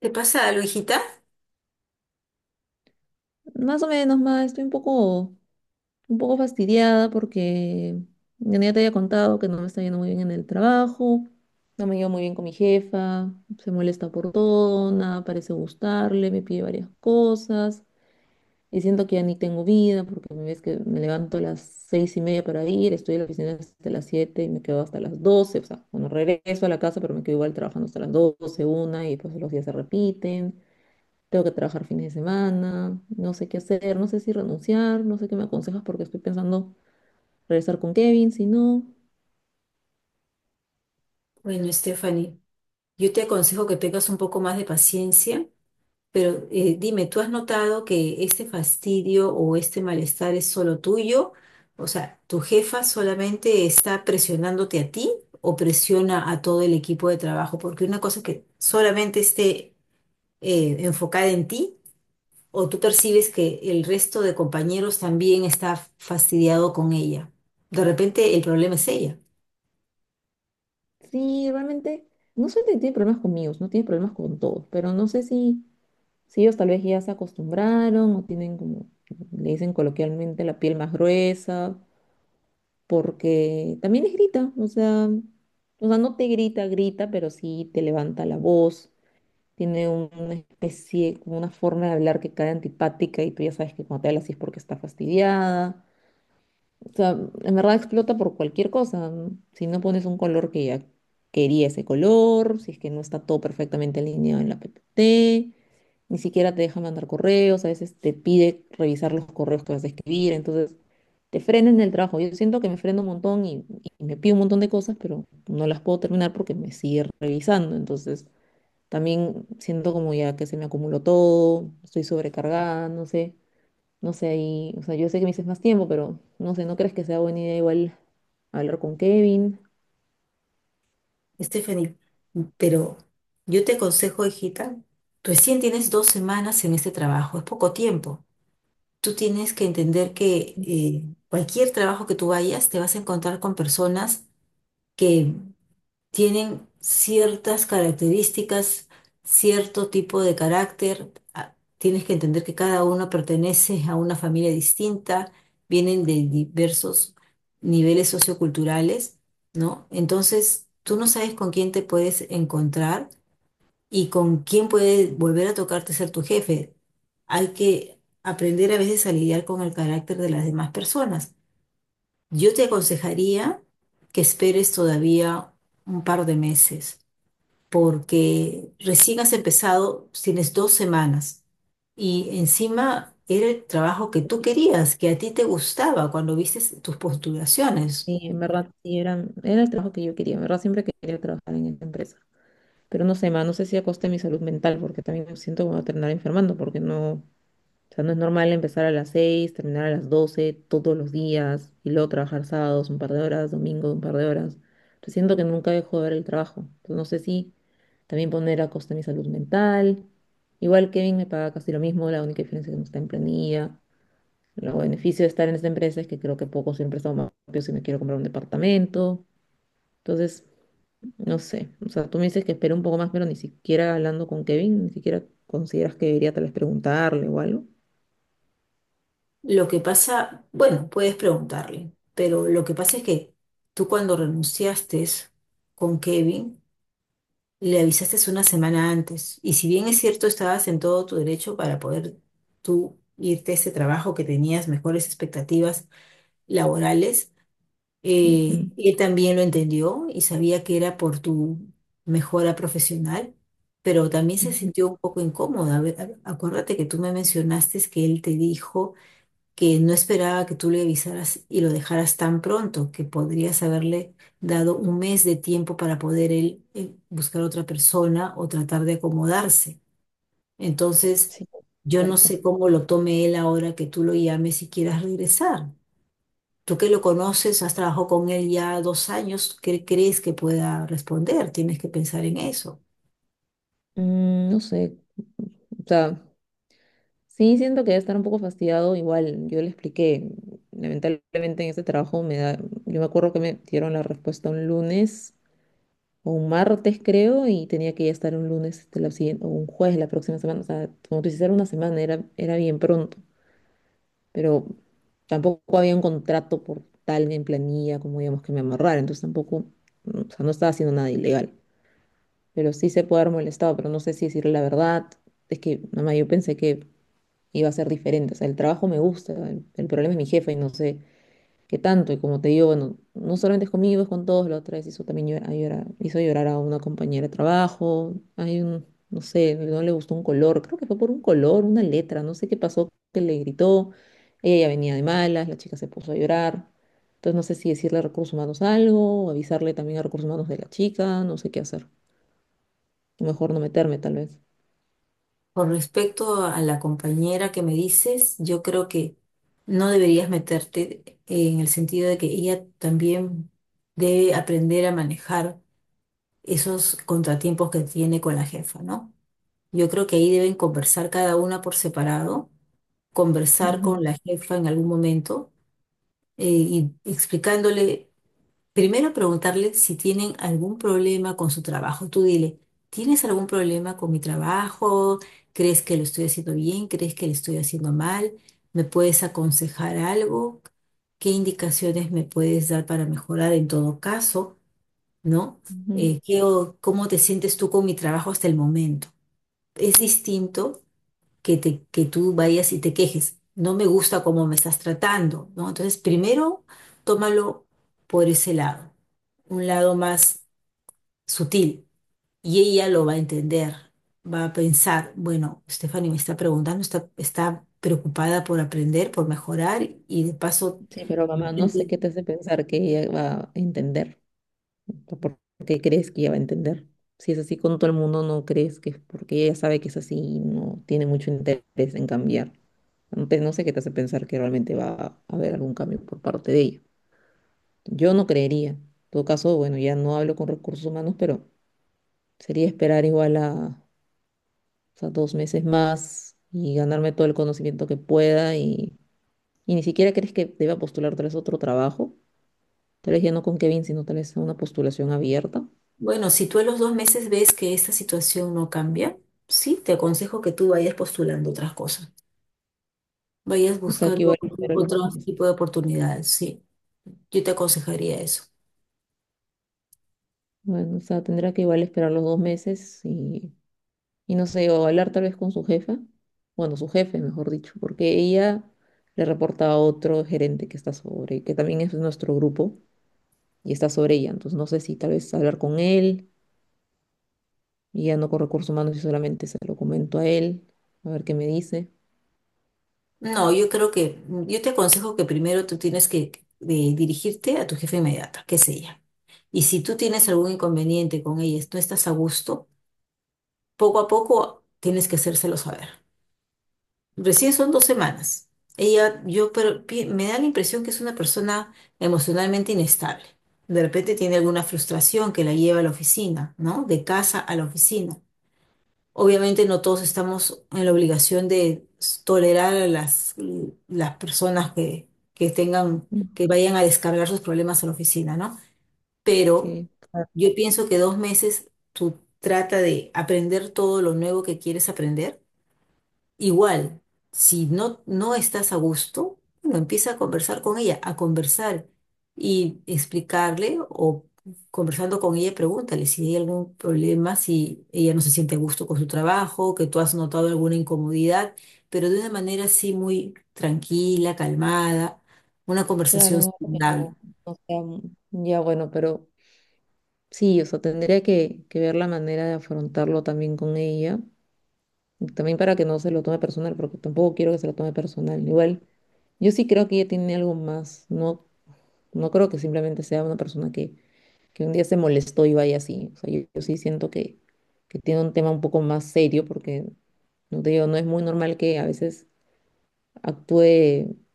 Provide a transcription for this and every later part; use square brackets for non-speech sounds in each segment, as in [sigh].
¿Te pasa algo, hijita? Más o menos, más, estoy un poco fastidiada porque ya te había contado que no me está yendo muy bien en el trabajo, no me llevo muy bien con mi jefa, se molesta por todo, nada parece gustarle, me pide varias cosas y siento que ya ni tengo vida porque me ves que me levanto a las 6:30 para ir, estoy en la oficina hasta las 7 y me quedo hasta las 12, o sea, bueno, regreso a la casa pero me quedo igual trabajando hasta las 12, 1, y pues los días se repiten. Tengo que trabajar fines de semana, no sé qué hacer, no sé si renunciar, no sé qué me aconsejas porque estoy pensando regresar con Kevin, si no. Bueno, Stephanie, yo te aconsejo que tengas un poco más de paciencia, pero dime, ¿tú has notado que este fastidio o este malestar es solo tuyo? O sea, ¿tu jefa solamente está presionándote a ti o presiona a todo el equipo de trabajo? Porque una cosa es que solamente esté enfocada en ti o tú percibes que el resto de compañeros también está fastidiado con ella. De repente el problema es ella. Sí, realmente, no sé si tiene problemas conmigo, no tiene problemas con todos, pero no sé si ellos tal vez ya se acostumbraron o tienen como, le dicen coloquialmente, la piel más gruesa, porque también les grita. O sea, no te grita, grita, pero sí te levanta la voz. Tiene una especie, como una forma de hablar que cae antipática, y tú ya sabes que cuando te habla así es porque está fastidiada. O sea, en verdad explota por cualquier cosa, ¿no? Si no pones un color que ya quería ese color, si es que no está todo perfectamente alineado en la PPT, ni siquiera te deja mandar correos, a veces te pide revisar los correos que vas a escribir, entonces te frena en el trabajo. Yo siento que me freno un montón y me pido un montón de cosas, pero no las puedo terminar porque me sigue revisando, entonces también siento como ya que se me acumuló todo, estoy sobrecargada, no sé, y, o sea, yo sé que me dices más tiempo, pero no sé, ¿no crees que sea buena idea igual hablar con Kevin? Stephanie, pero yo te aconsejo, hijita, recién tienes 2 semanas en este trabajo, es poco tiempo. Tú tienes que entender que cualquier trabajo que tú vayas, te vas a encontrar con personas que tienen ciertas características, cierto tipo de carácter. Ah, tienes que entender que cada uno pertenece a una familia distinta, vienen de diversos niveles socioculturales, ¿no? Entonces, tú no sabes con quién te puedes encontrar y con quién puede volver a tocarte ser tu jefe. Hay que aprender a veces a lidiar con el carácter de las demás personas. Yo te aconsejaría que esperes todavía un par de meses porque recién has empezado, tienes 2 semanas y encima era el trabajo que tú Porque querías, que a ti te gustaba cuando viste tus postulaciones. Sí, en verdad, sí, era el trabajo que yo quería, en verdad siempre quería trabajar en esta empresa. Pero no sé, ma, no sé si a costa de mi salud mental, porque también me siento que me voy a terminar enfermando, porque no. O sea, no es normal empezar a las 6, terminar a las 12 todos los días y luego trabajar sábados un par de horas, domingo un par de horas. Entonces siento que nunca dejo de ver el trabajo. Entonces no sé si también poner a costa mi salud mental. Igual Kevin me paga casi lo mismo, la única diferencia es que no está en planilla. Los beneficios de estar en esta empresa es que creo que poco siempre está más rápido si me quiero comprar un departamento. Entonces, no sé. O sea, tú me dices que espero un poco más, pero ni siquiera hablando con Kevin, ni siquiera consideras que debería tal vez preguntarle o algo. Lo que pasa, bueno, puedes preguntarle, pero lo que pasa es que tú cuando renunciaste con Kevin, le avisaste una semana antes y si bien es cierto, estabas en todo tu derecho para poder tú irte a ese trabajo que tenías mejores expectativas laborales. Ujú, Él también lo entendió y sabía que era por tu mejora profesional, pero también se ujú. sintió un poco incómoda. A ver, acuérdate que tú me mencionaste que él te dijo que no esperaba que tú le avisaras y lo dejaras tan pronto, que podrías haberle dado un mes de tiempo para poder él buscar otra persona o tratar de acomodarse. Entonces, Sí, yo no cierto. sé cómo lo tome él ahora que tú lo llames y quieras regresar. Tú que lo conoces, has trabajado con él ya 2 años, ¿qué crees que pueda responder? Tienes que pensar en eso. No sé, o sea, sí siento que debe estar un poco fastidiado. Igual yo le expliqué, lamentablemente en este trabajo me da, yo me acuerdo que me dieron la respuesta un lunes o un martes creo, y tenía que ya estar un lunes este, la siguiente, o un jueves la próxima semana. O sea, como tú dices, era una semana, era bien pronto, pero tampoco había un contrato por tal en planilla como digamos que me amarrar, entonces tampoco, o sea, no estaba haciendo nada ilegal. Pero sí se puede haber molestado, pero no sé si decirle la verdad. Es que, mamá, yo pensé que iba a ser diferente. O sea, el trabajo me gusta, el problema es mi jefa y no sé qué tanto. Y como te digo, bueno, no solamente es conmigo, es con todos. La otra vez hizo también hizo llorar a una compañera de trabajo. No sé, no le gustó un color. Creo que fue por un color, una letra, no sé qué pasó, que le gritó. Ella ya venía de malas, la chica se puso a llorar. Entonces no sé si decirle a recursos humanos algo, o avisarle también a recursos humanos de la chica, no sé qué hacer. Mejor no meterme, tal vez. Con respecto a la compañera que me dices, yo creo que no deberías meterte en el sentido de que ella también debe aprender a manejar esos contratiempos que tiene con la jefa, ¿no? Yo creo que ahí deben conversar cada una por separado, conversar Ujú, con la jefa en algún momento, y explicándole. Primero preguntarle si tienen algún problema con su trabajo. Tú dile, ¿tienes algún problema con mi trabajo? ¿Crees que lo estoy haciendo bien? ¿Crees que lo estoy haciendo mal? ¿Me puedes aconsejar algo? ¿Qué indicaciones me puedes dar para mejorar en todo caso? ¿No? ujú. ¿Qué cómo te sientes tú con mi trabajo hasta el momento? Es distinto que tú vayas y te quejes. No me gusta cómo me estás tratando, ¿no? Entonces, primero, tómalo por ese lado, un lado más sutil, y ella lo va a entender, va a pensar, bueno, Stephanie me está preguntando, está preocupada por aprender, por mejorar, y de paso, Sí, pero [laughs] de mamá, no sé repente, qué te hace pensar que ella va a entender. ¿O ¿Por qué crees que ella va a entender? Si es así con todo el mundo, no crees que es porque ella sabe que es así y no tiene mucho interés en cambiar. No sé qué te hace pensar que realmente va a haber algún cambio por parte de ella. Yo no creería. En todo caso, bueno, ya no hablo con recursos humanos, pero sería esperar igual a, o sea, 2 meses más y ganarme todo el conocimiento que pueda. Y ni siquiera crees que deba postular tal vez otro trabajo, tal vez ya no con Kevin, sino tal vez a una postulación abierta. bueno, si tú a los 2 meses ves que esta situación no cambia, sí, te aconsejo que tú vayas postulando otras cosas, vayas O sea, que buscando igual otro esperar los dos otro meses. tipo de oportunidades, sí. Yo te aconsejaría eso. Bueno, o sea, tendrá que igual esperar los 2 meses y no sé, o hablar tal vez con su jefa, bueno, su jefe, mejor dicho, porque ella le reporta a otro gerente que está sobre, que también es nuestro grupo y está sobre ella. Entonces, no sé si tal vez hablar con él y ya no con recursos humanos, y solamente se lo comento a él, a ver qué me dice. No, yo creo que, yo te aconsejo que primero tú tienes que dirigirte a tu jefa inmediata, que es ella. Y si tú tienes algún inconveniente con ella, no estás a gusto, poco a poco tienes que hacérselo saber. Recién son 2 semanas. Ella, yo, pero me da la impresión que es una persona emocionalmente inestable. De repente tiene alguna frustración que la lleva a la oficina, ¿no? De casa a la oficina. Obviamente no todos estamos en la obligación de tolerar a las personas que tengan, Mm, que vayan a descargar sus problemas a la oficina, ¿no? Pero que, yo pienso que 2 meses tú trata de aprender todo lo nuevo que quieres aprender. Igual, si no, no estás a gusto, bueno, empieza a conversar con ella, a conversar y explicarle o conversando con ella, pregúntale si hay algún problema, si ella no se siente a gusto con su trabajo, que tú has notado alguna incomodidad, pero de una manera así muy tranquila, calmada, una claro, conversación algo que no, saludable. no sea ya bueno, pero sí, o sea, tendría que, ver la manera de afrontarlo también con ella, y también para que no se lo tome personal, porque tampoco quiero que se lo tome personal. Igual, yo sí creo que ella tiene algo más, no, no creo que simplemente sea una persona que un día se molestó y vaya así. O sea, yo sí siento que tiene un tema un poco más serio, porque, no te digo, no es muy normal que a veces actúe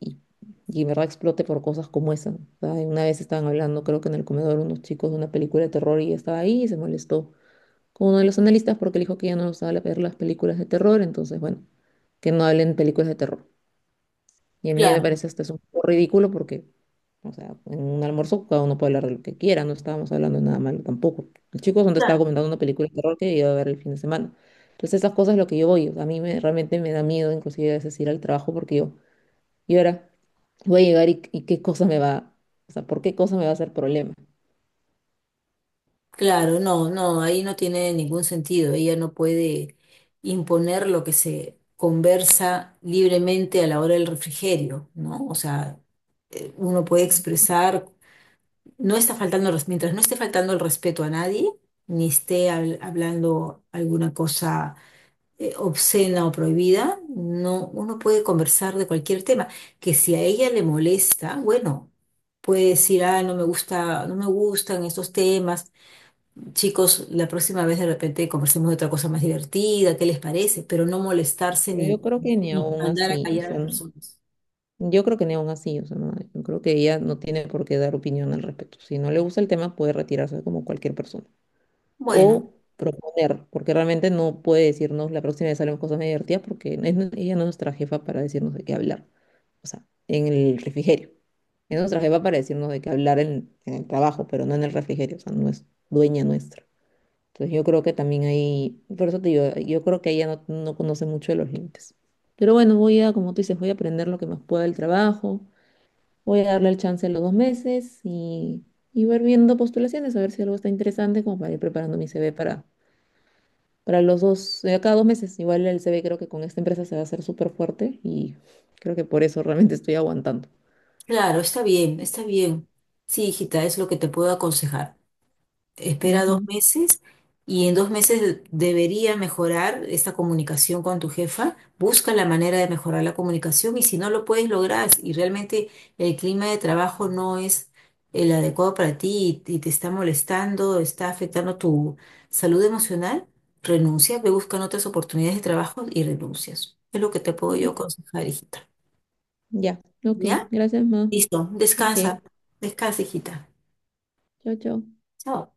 y, y en verdad explote por cosas como esa. O sea, una vez estaban hablando, creo que en el comedor, unos chicos de una película de terror, y ella estaba ahí y se molestó con uno de los analistas porque le dijo que ya no usaba ver las películas de terror, entonces, bueno, que no hablen películas de terror. Y a mí ya me Claro, parece hasta es un poco ridículo porque, o sea, en un almuerzo cada uno puede hablar de lo que quiera, no estábamos hablando de nada malo tampoco. El chico donde estaba claro. comentando una película de terror que iba a ver el fin de semana. Entonces esas cosas es lo que yo voy, o sea, a mí me, realmente me da miedo inclusive a veces ir al trabajo, porque yo, y ahora voy a llegar y qué cosa me va, o sea, ¿por qué cosa me va a hacer problema? Claro, no, no, ahí no tiene ningún sentido. Ella no puede imponer lo que se conversa libremente a la hora del refrigerio, ¿no? O sea, uno puede expresar, no está faltando, mientras no esté faltando el respeto a nadie, ni esté hablando alguna cosa obscena o prohibida, no, uno puede conversar de cualquier tema. Que si a ella le molesta, bueno, puede decir, ah, no me gusta, no me gustan estos temas. Chicos, la próxima vez de repente conversemos de otra cosa más divertida, ¿qué les parece? Pero no molestarse Pero ni, yo creo que ni ni aún mandar a así, o callar a sea, las personas. yo creo que ni aún así, o sea, no, yo creo que ella no tiene por qué dar opinión al respecto. Si no le gusta el tema, puede retirarse como cualquier persona. Bueno, O proponer, porque realmente no puede decirnos la próxima vez haremos cosas más divertidas, porque es ella no es nuestra jefa para decirnos de qué hablar, o sea, en el refrigerio. Es nuestra jefa para decirnos de qué hablar en el trabajo, pero no en el refrigerio, o sea, no es dueña nuestra. Entonces yo creo que también ahí, por eso te digo, yo creo que ella no conoce mucho de los límites. Pero bueno, como tú dices, voy a aprender lo que más pueda del trabajo, voy a darle el chance a los 2 meses y ver viendo postulaciones, a ver si algo está interesante, como para ir preparando mi CV para los dos, cada 2 meses. Igual el CV creo que con esta empresa se va a hacer súper fuerte y creo que por eso realmente [laughs] estoy aguantando. claro, está bien, está bien. Sí, hijita, es lo que te puedo aconsejar. Espera dos Ujú. meses y en 2 meses debería mejorar esta comunicación con tu jefa. Busca la manera de mejorar la comunicación y si no lo puedes lograr y realmente el clima de trabajo no es el adecuado para ti y te está molestando, está afectando tu salud emocional, renuncia, ve buscando otras oportunidades de trabajo y renuncias. Es lo que te puedo yo Ujú. aconsejar, hijita. Ya, ok, ¿Ya? gracias, ma. Listo. Ok, Descansa. Descansa, hijita. chao, chao. Chao.